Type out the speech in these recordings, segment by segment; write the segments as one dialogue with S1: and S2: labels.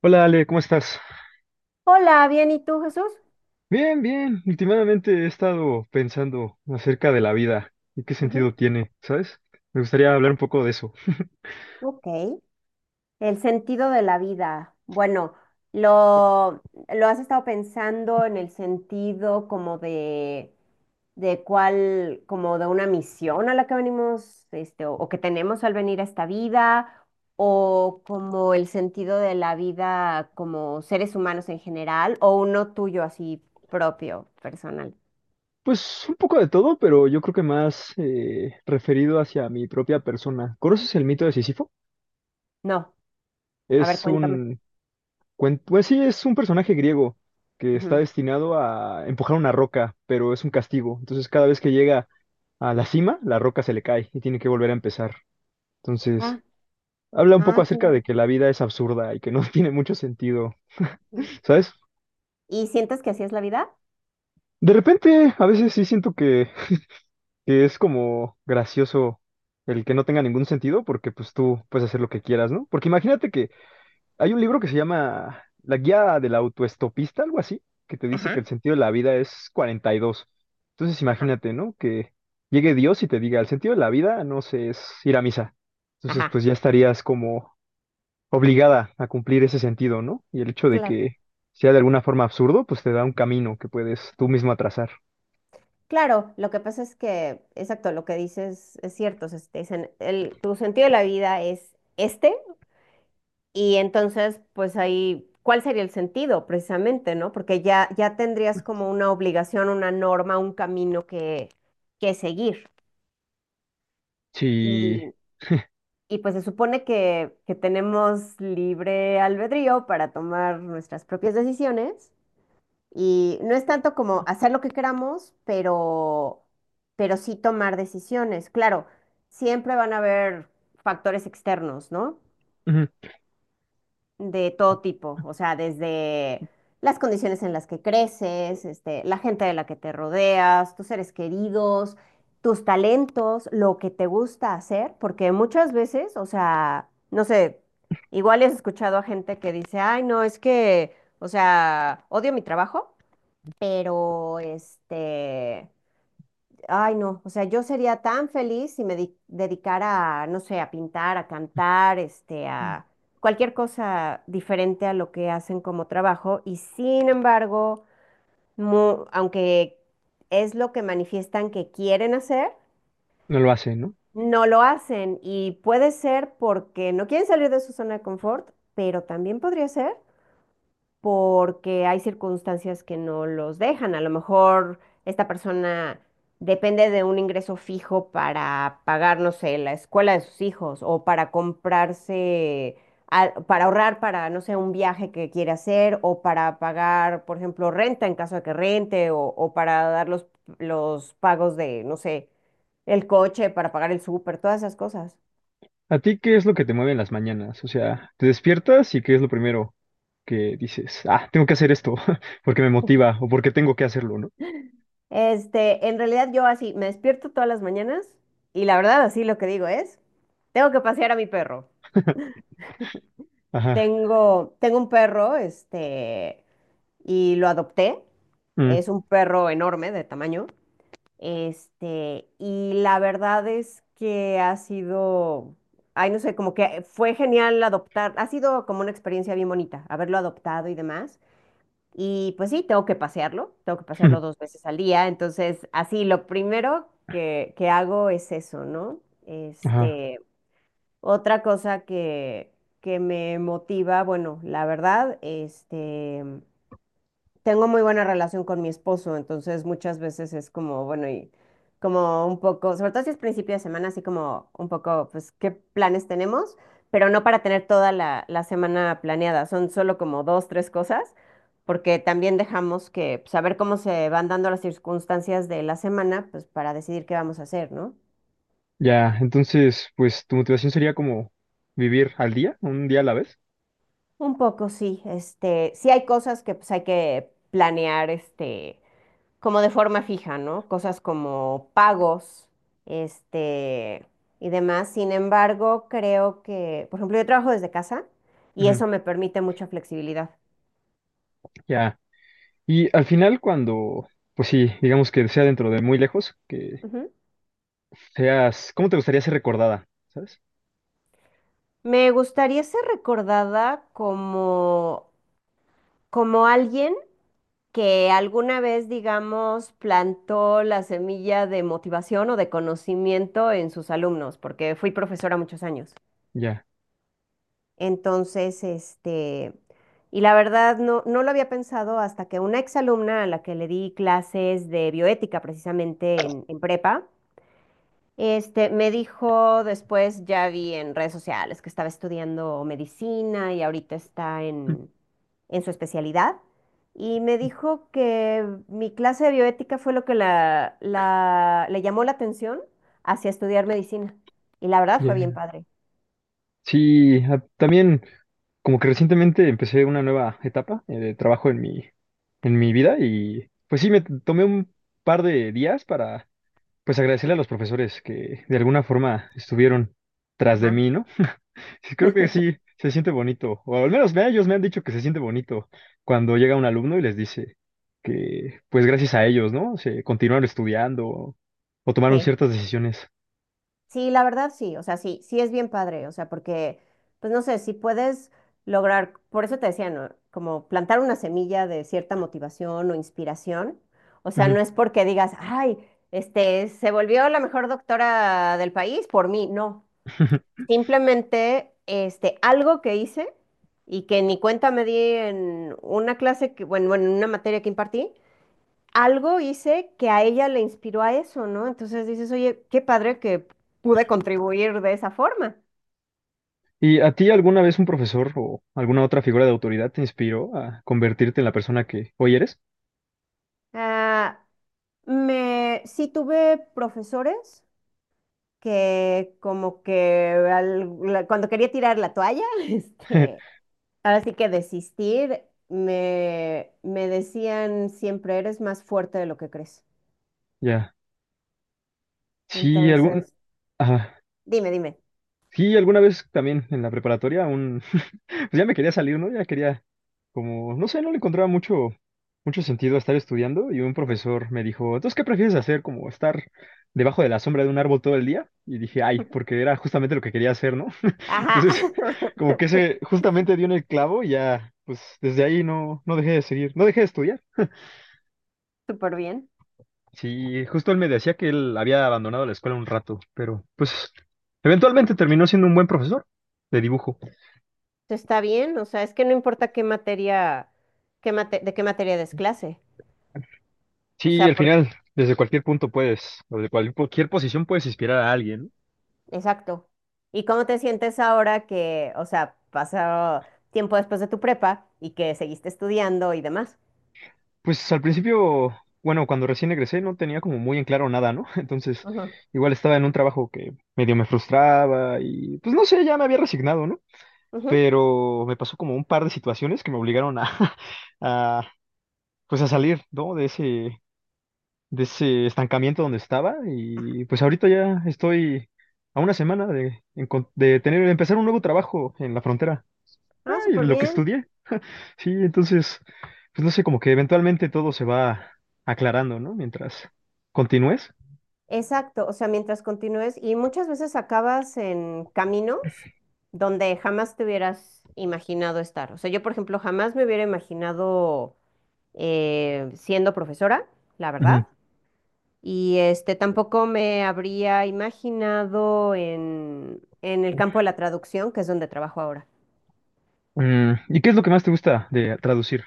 S1: Hola Ale, ¿cómo estás?
S2: Hola, bien, ¿y tú, Jesús?
S1: Bien, bien. Últimamente he estado pensando acerca de la vida y qué
S2: Ujú.
S1: sentido tiene, ¿sabes? Me gustaría hablar un poco de eso.
S2: Ok. El sentido de la vida. Bueno, lo, lo has estado pensando en el sentido como de cuál, como de una misión a la que venimos, o que tenemos al venir a esta vida, o como el sentido de la vida como seres humanos en general, o uno tuyo así propio, personal.
S1: Pues un poco de todo, pero yo creo que más referido hacia mi propia persona. ¿Conoces el mito de Sísifo?
S2: No, a ver,
S1: Es
S2: cuéntame.
S1: un pues sí, es un personaje griego que está
S2: Ujú.
S1: destinado a empujar una roca, pero es un castigo. Entonces cada vez que llega a la cima, la roca se le cae y tiene que volver a empezar. Entonces...
S2: Ah,
S1: Habla un poco
S2: ah,
S1: acerca de
S2: claro.
S1: que la vida es absurda y que no tiene mucho sentido, ¿sabes?
S2: ¿Y sientes que así es la vida?
S1: De repente, a veces sí siento que es como gracioso el que no tenga ningún sentido porque pues tú puedes hacer lo que quieras, ¿no? Porque imagínate que hay un libro que se llama La guía del autoestopista, algo así, que te dice que
S2: Ajá,
S1: el sentido de la vida es 42. Entonces
S2: ajá,
S1: imagínate, ¿no? Que llegue Dios y te diga, el sentido de la vida, no sé, es ir a misa. Entonces
S2: ajá.
S1: pues ya estarías como obligada a cumplir ese sentido, ¿no? Y el hecho de
S2: Claro,
S1: que sea de alguna forma absurdo, pues te da un camino que puedes tú mismo trazar.
S2: claro, lo que pasa es que, exacto, lo que dices es cierto, o sea, si te dicen, tu sentido de la vida es este, y entonces, pues ahí, ¿cuál sería el sentido precisamente, no? Porque ya, ya tendrías como una obligación, una norma, un camino que seguir.
S1: Si
S2: Y, y pues se supone que tenemos libre albedrío para tomar nuestras propias decisiones. Y no es tanto como hacer lo que queramos, pero sí tomar decisiones. Claro, siempre van a haber factores externos, ¿no?
S1: ujú,
S2: De todo tipo, o sea, desde las condiciones en las que creces, la gente de la que te rodeas, tus seres queridos, tus talentos, lo que te gusta hacer, porque muchas veces, o sea, no sé, igual has escuchado a gente que dice, ay, no, es que, o sea, odio mi trabajo pero este, ay no, o sea, yo sería tan feliz si dedicara, a, no sé, a pintar, a cantar, este, a cualquier cosa diferente a lo que hacen como trabajo. Y sin embargo, aunque es lo que manifiestan que quieren hacer,
S1: no lo hace, ¿no?
S2: no lo hacen. Y puede ser porque no quieren salir de su zona de confort, pero también podría ser porque hay circunstancias que no los dejan. A lo mejor esta persona depende de un ingreso fijo para pagar, no sé, la escuela de sus hijos o para comprarse, para ahorrar para, no sé, un viaje que quiere hacer o para pagar, por ejemplo, renta en caso de que rente o para dar los pagos de, no sé, el coche, para pagar el súper, todas esas cosas.
S1: ¿A ti qué es lo que te mueve en las mañanas? O sea, te despiertas y qué es lo primero que dices, ah, tengo que hacer esto porque me motiva o porque tengo que hacerlo, ¿no?
S2: Este, en realidad yo así me despierto todas las mañanas y la verdad así lo que digo es, tengo que pasear a mi perro.
S1: Ajá.
S2: Tengo un perro, este, y lo adopté.
S1: Mm.
S2: Es un perro enorme de tamaño. Este, y la verdad es que ha sido, ay, no sé, como que fue genial adoptar, ha sido como una experiencia bien bonita, haberlo adoptado y demás. Y pues sí, tengo que pasearlo dos veces al día. Entonces, así, lo primero que hago es eso, ¿no?
S1: Ajá.
S2: Este, otra cosa que me motiva, bueno, la verdad, este, tengo muy buena relación con mi esposo, entonces muchas veces es como, bueno, y como un poco, sobre todo si es principio de semana, así como un poco, pues, qué planes tenemos, pero no para tener toda la semana planeada, son solo como dos, tres cosas, porque también dejamos que, saber cómo se van dando las circunstancias de la semana, pues, para decidir qué vamos a hacer, ¿no?
S1: Ya, entonces, pues tu motivación sería como vivir al día, un día a la vez.
S2: Un poco, sí, este, sí hay cosas que, pues, hay que planear, este, como de forma fija, ¿no? Cosas como pagos, este, y demás. Sin embargo, creo que, por ejemplo, yo trabajo desde casa y
S1: Ujú.
S2: eso me permite mucha flexibilidad.
S1: Ya. Y al final, cuando, pues sí, digamos que sea dentro de muy lejos, que
S2: Ujú.
S1: seas, ¿cómo te gustaría ser recordada? ¿Sabes?
S2: Me gustaría ser recordada como, como alguien que alguna vez, digamos, plantó la semilla de motivación o de conocimiento en sus alumnos, porque fui profesora muchos años.
S1: Ya,
S2: Entonces, este, y la verdad no, no lo había pensado hasta que una exalumna a la que le di clases de bioética precisamente en prepa, este, me dijo después, ya vi en redes sociales que estaba estudiando medicina y ahorita está en su especialidad. Y me dijo que mi clase de bioética fue lo que le llamó la atención hacia estudiar medicina. Y la verdad fue bien
S1: ya.
S2: padre.
S1: Sí, también como que recientemente empecé una nueva etapa de trabajo en mi vida y pues sí, tomé un par de días para pues agradecerle a los profesores que de alguna forma estuvieron tras de
S2: Ajá.
S1: mí, ¿no? Sí, creo que sí, se siente bonito, o al menos ellos me han dicho que se siente bonito cuando llega un alumno y les dice que, pues gracias a ellos, ¿no? Se continuaron estudiando o, tomaron
S2: Sí.
S1: ciertas decisiones.
S2: Sí, la verdad sí, o sea, sí, sí es bien padre, o sea, porque, pues no sé, si puedes lograr, por eso te decía, ¿no? Como plantar una semilla de cierta motivación o inspiración, o sea,
S1: Ujú.
S2: no es porque digas, ay, este, se volvió la mejor doctora del país por mí, no, simplemente, este, algo que hice y que ni cuenta me di en una clase, que, bueno, en una materia que impartí, algo hice que a ella le inspiró a eso, ¿no? Entonces dices, oye, qué padre que pude contribuir de esa forma.
S1: ¿Y a ti alguna vez un profesor o alguna otra figura de autoridad te inspiró a convertirte en la persona que hoy eres?
S2: Ah, me, sí tuve profesores que como que cuando quería tirar la toalla, este, ahora sí que desistir, me decían siempre, eres más fuerte de lo que crees.
S1: Ya. Sí, algún,
S2: Entonces,
S1: ajá.
S2: dime, dime.
S1: Sí, alguna vez también en la preparatoria un, pues ya me quería salir, ¿no? Ya quería como, no sé, no le encontraba mucho sentido a estar estudiando y un profesor me dijo, entonces, ¿qué prefieres hacer? Como estar debajo de la sombra de un árbol todo el día. Y dije, ay, porque era justamente lo que quería hacer, ¿no?
S2: Ajá,
S1: Entonces, como que ese justamente dio en el clavo y ya, pues desde ahí no dejé de seguir, no dejé de estudiar.
S2: súper bien.
S1: Sí, justo él me decía que él había abandonado la escuela un rato, pero pues eventualmente terminó siendo un buen profesor de dibujo.
S2: Está bien, o sea, es que no importa qué materia, de qué materia des clase, o
S1: Sí,
S2: sea,
S1: al
S2: por,
S1: final, desde cualquier punto puedes, o de cualquier posición puedes inspirar a alguien, ¿no?
S2: exacto. ¿Y cómo te sientes ahora que, o sea, pasó tiempo después de tu prepa y que seguiste estudiando y demás?
S1: Pues al principio, bueno, cuando recién egresé no tenía como muy en claro nada, ¿no? Entonces,
S2: Ujú,
S1: igual estaba en un trabajo que medio me frustraba y pues no sé, ya me había resignado, ¿no?
S2: ujú.
S1: Pero me pasó como un par de situaciones que me obligaron a, a pues a salir, ¿no? De ese estancamiento donde estaba y pues ahorita ya estoy a una semana de, de tener, de empezar un nuevo trabajo en la frontera
S2: Ah,
S1: y
S2: súper
S1: lo que
S2: bien.
S1: estudié. Sí, entonces, pues no sé, como que eventualmente todo se va aclarando, ¿no? Mientras continúes.
S2: Exacto, o sea, mientras continúes y muchas veces acabas en caminos donde jamás te hubieras imaginado estar. O sea, yo, por ejemplo, jamás me hubiera imaginado siendo profesora, la
S1: Ujú.
S2: verdad. Y este tampoco me habría imaginado en el campo de la traducción, que es donde trabajo ahora.
S1: Mm, ¿y qué es lo que más te gusta de traducir?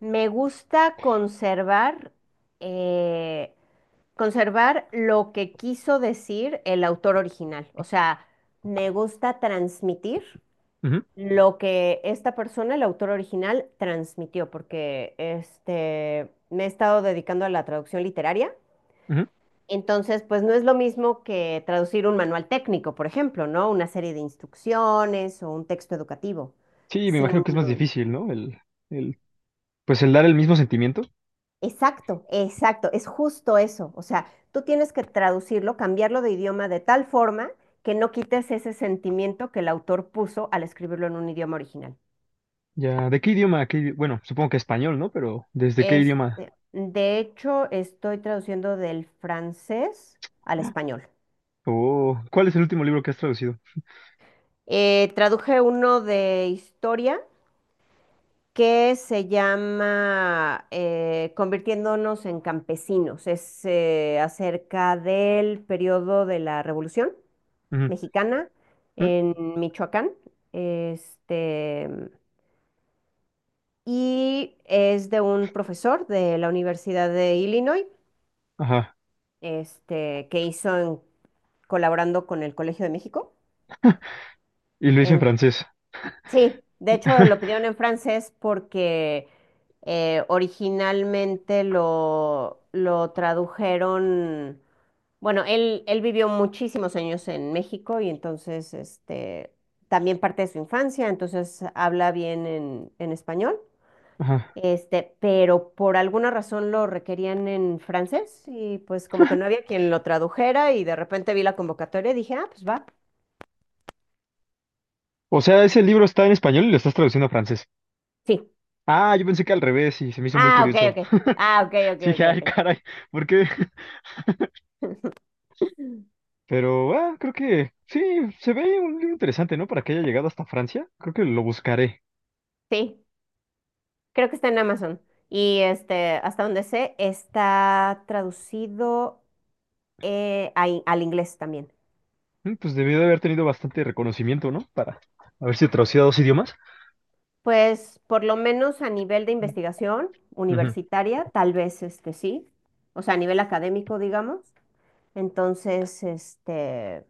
S2: Me gusta conservar, eh, conservar lo que quiso decir el autor original. O sea, me gusta transmitir
S1: Ujú,
S2: lo que esta persona, el autor original, transmitió, porque este, me he estado dedicando a la traducción literaria.
S1: ujú.
S2: Entonces, pues no es lo mismo que traducir un manual técnico, por ejemplo, ¿no? Una serie de instrucciones o un texto educativo.
S1: Sí, me imagino
S2: Sino,
S1: que es más difícil, ¿no? El, pues el dar el mismo sentimiento.
S2: exacto, exacto, es justo eso. O sea, tú tienes que traducirlo, cambiarlo de idioma de tal forma que no quites ese sentimiento que el autor puso al escribirlo en un idioma original.
S1: Ya, ¿de qué idioma? Bueno, supongo que español, ¿no? Pero ¿desde qué idioma?
S2: Este, de hecho, estoy traduciendo del francés al español.
S1: O ¿cuál es el último libro que has traducido?
S2: Traduje uno de historia que se llama Convirtiéndonos en campesinos. Es acerca del periodo de la Revolución
S1: Ujú,
S2: Mexicana
S1: ujú.
S2: en Michoacán. Este, y es de un profesor de la Universidad de Illinois,
S1: Ajá.
S2: este, que colaborando con el Colegio de México.
S1: Y lo hice en
S2: En-
S1: francés.
S2: Sí, de hecho lo pidieron en francés porque originalmente lo tradujeron, bueno, él vivió muchísimos años en México y entonces este, también parte de su infancia, entonces habla bien en español,
S1: Ajá.
S2: este, pero por alguna razón lo requerían en francés y pues como que no había quien lo tradujera y de repente vi la convocatoria y dije, ah, pues va,
S1: O sea, ese libro está en español y lo estás traduciendo a francés.
S2: sí.
S1: Ah, yo pensé que al revés y se me hizo muy
S2: Ah, ok,
S1: curioso.
S2: ok. Ah, ok, ok,
S1: Sí, dije, ay,
S2: ok, ok.
S1: caray, ¿por qué? Pero, ah, creo que sí, se ve un libro interesante, ¿no? Para que haya llegado hasta Francia. Creo que lo buscaré.
S2: Sí. Creo que está en Amazon. Y este, hasta donde sé, está traducido al inglés también.
S1: Mm. Pues debió de haber tenido bastante reconocimiento, ¿no? Para haberse traducido a dos idiomas.
S2: Pues por lo menos a nivel de investigación
S1: Ujú.
S2: universitaria, tal vez este sí. O sea, a nivel académico, digamos. Entonces, este,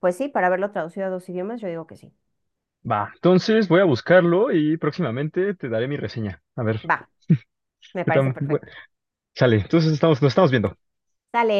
S2: pues sí, para haberlo traducido a dos idiomas, yo digo que sí.
S1: Va, entonces voy a buscarlo y próximamente te daré mi reseña. A ver,
S2: Va, me
S1: ¿qué
S2: parece
S1: tan bu-
S2: perfecto.
S1: Sale, entonces estamos, nos estamos viendo.
S2: Sale.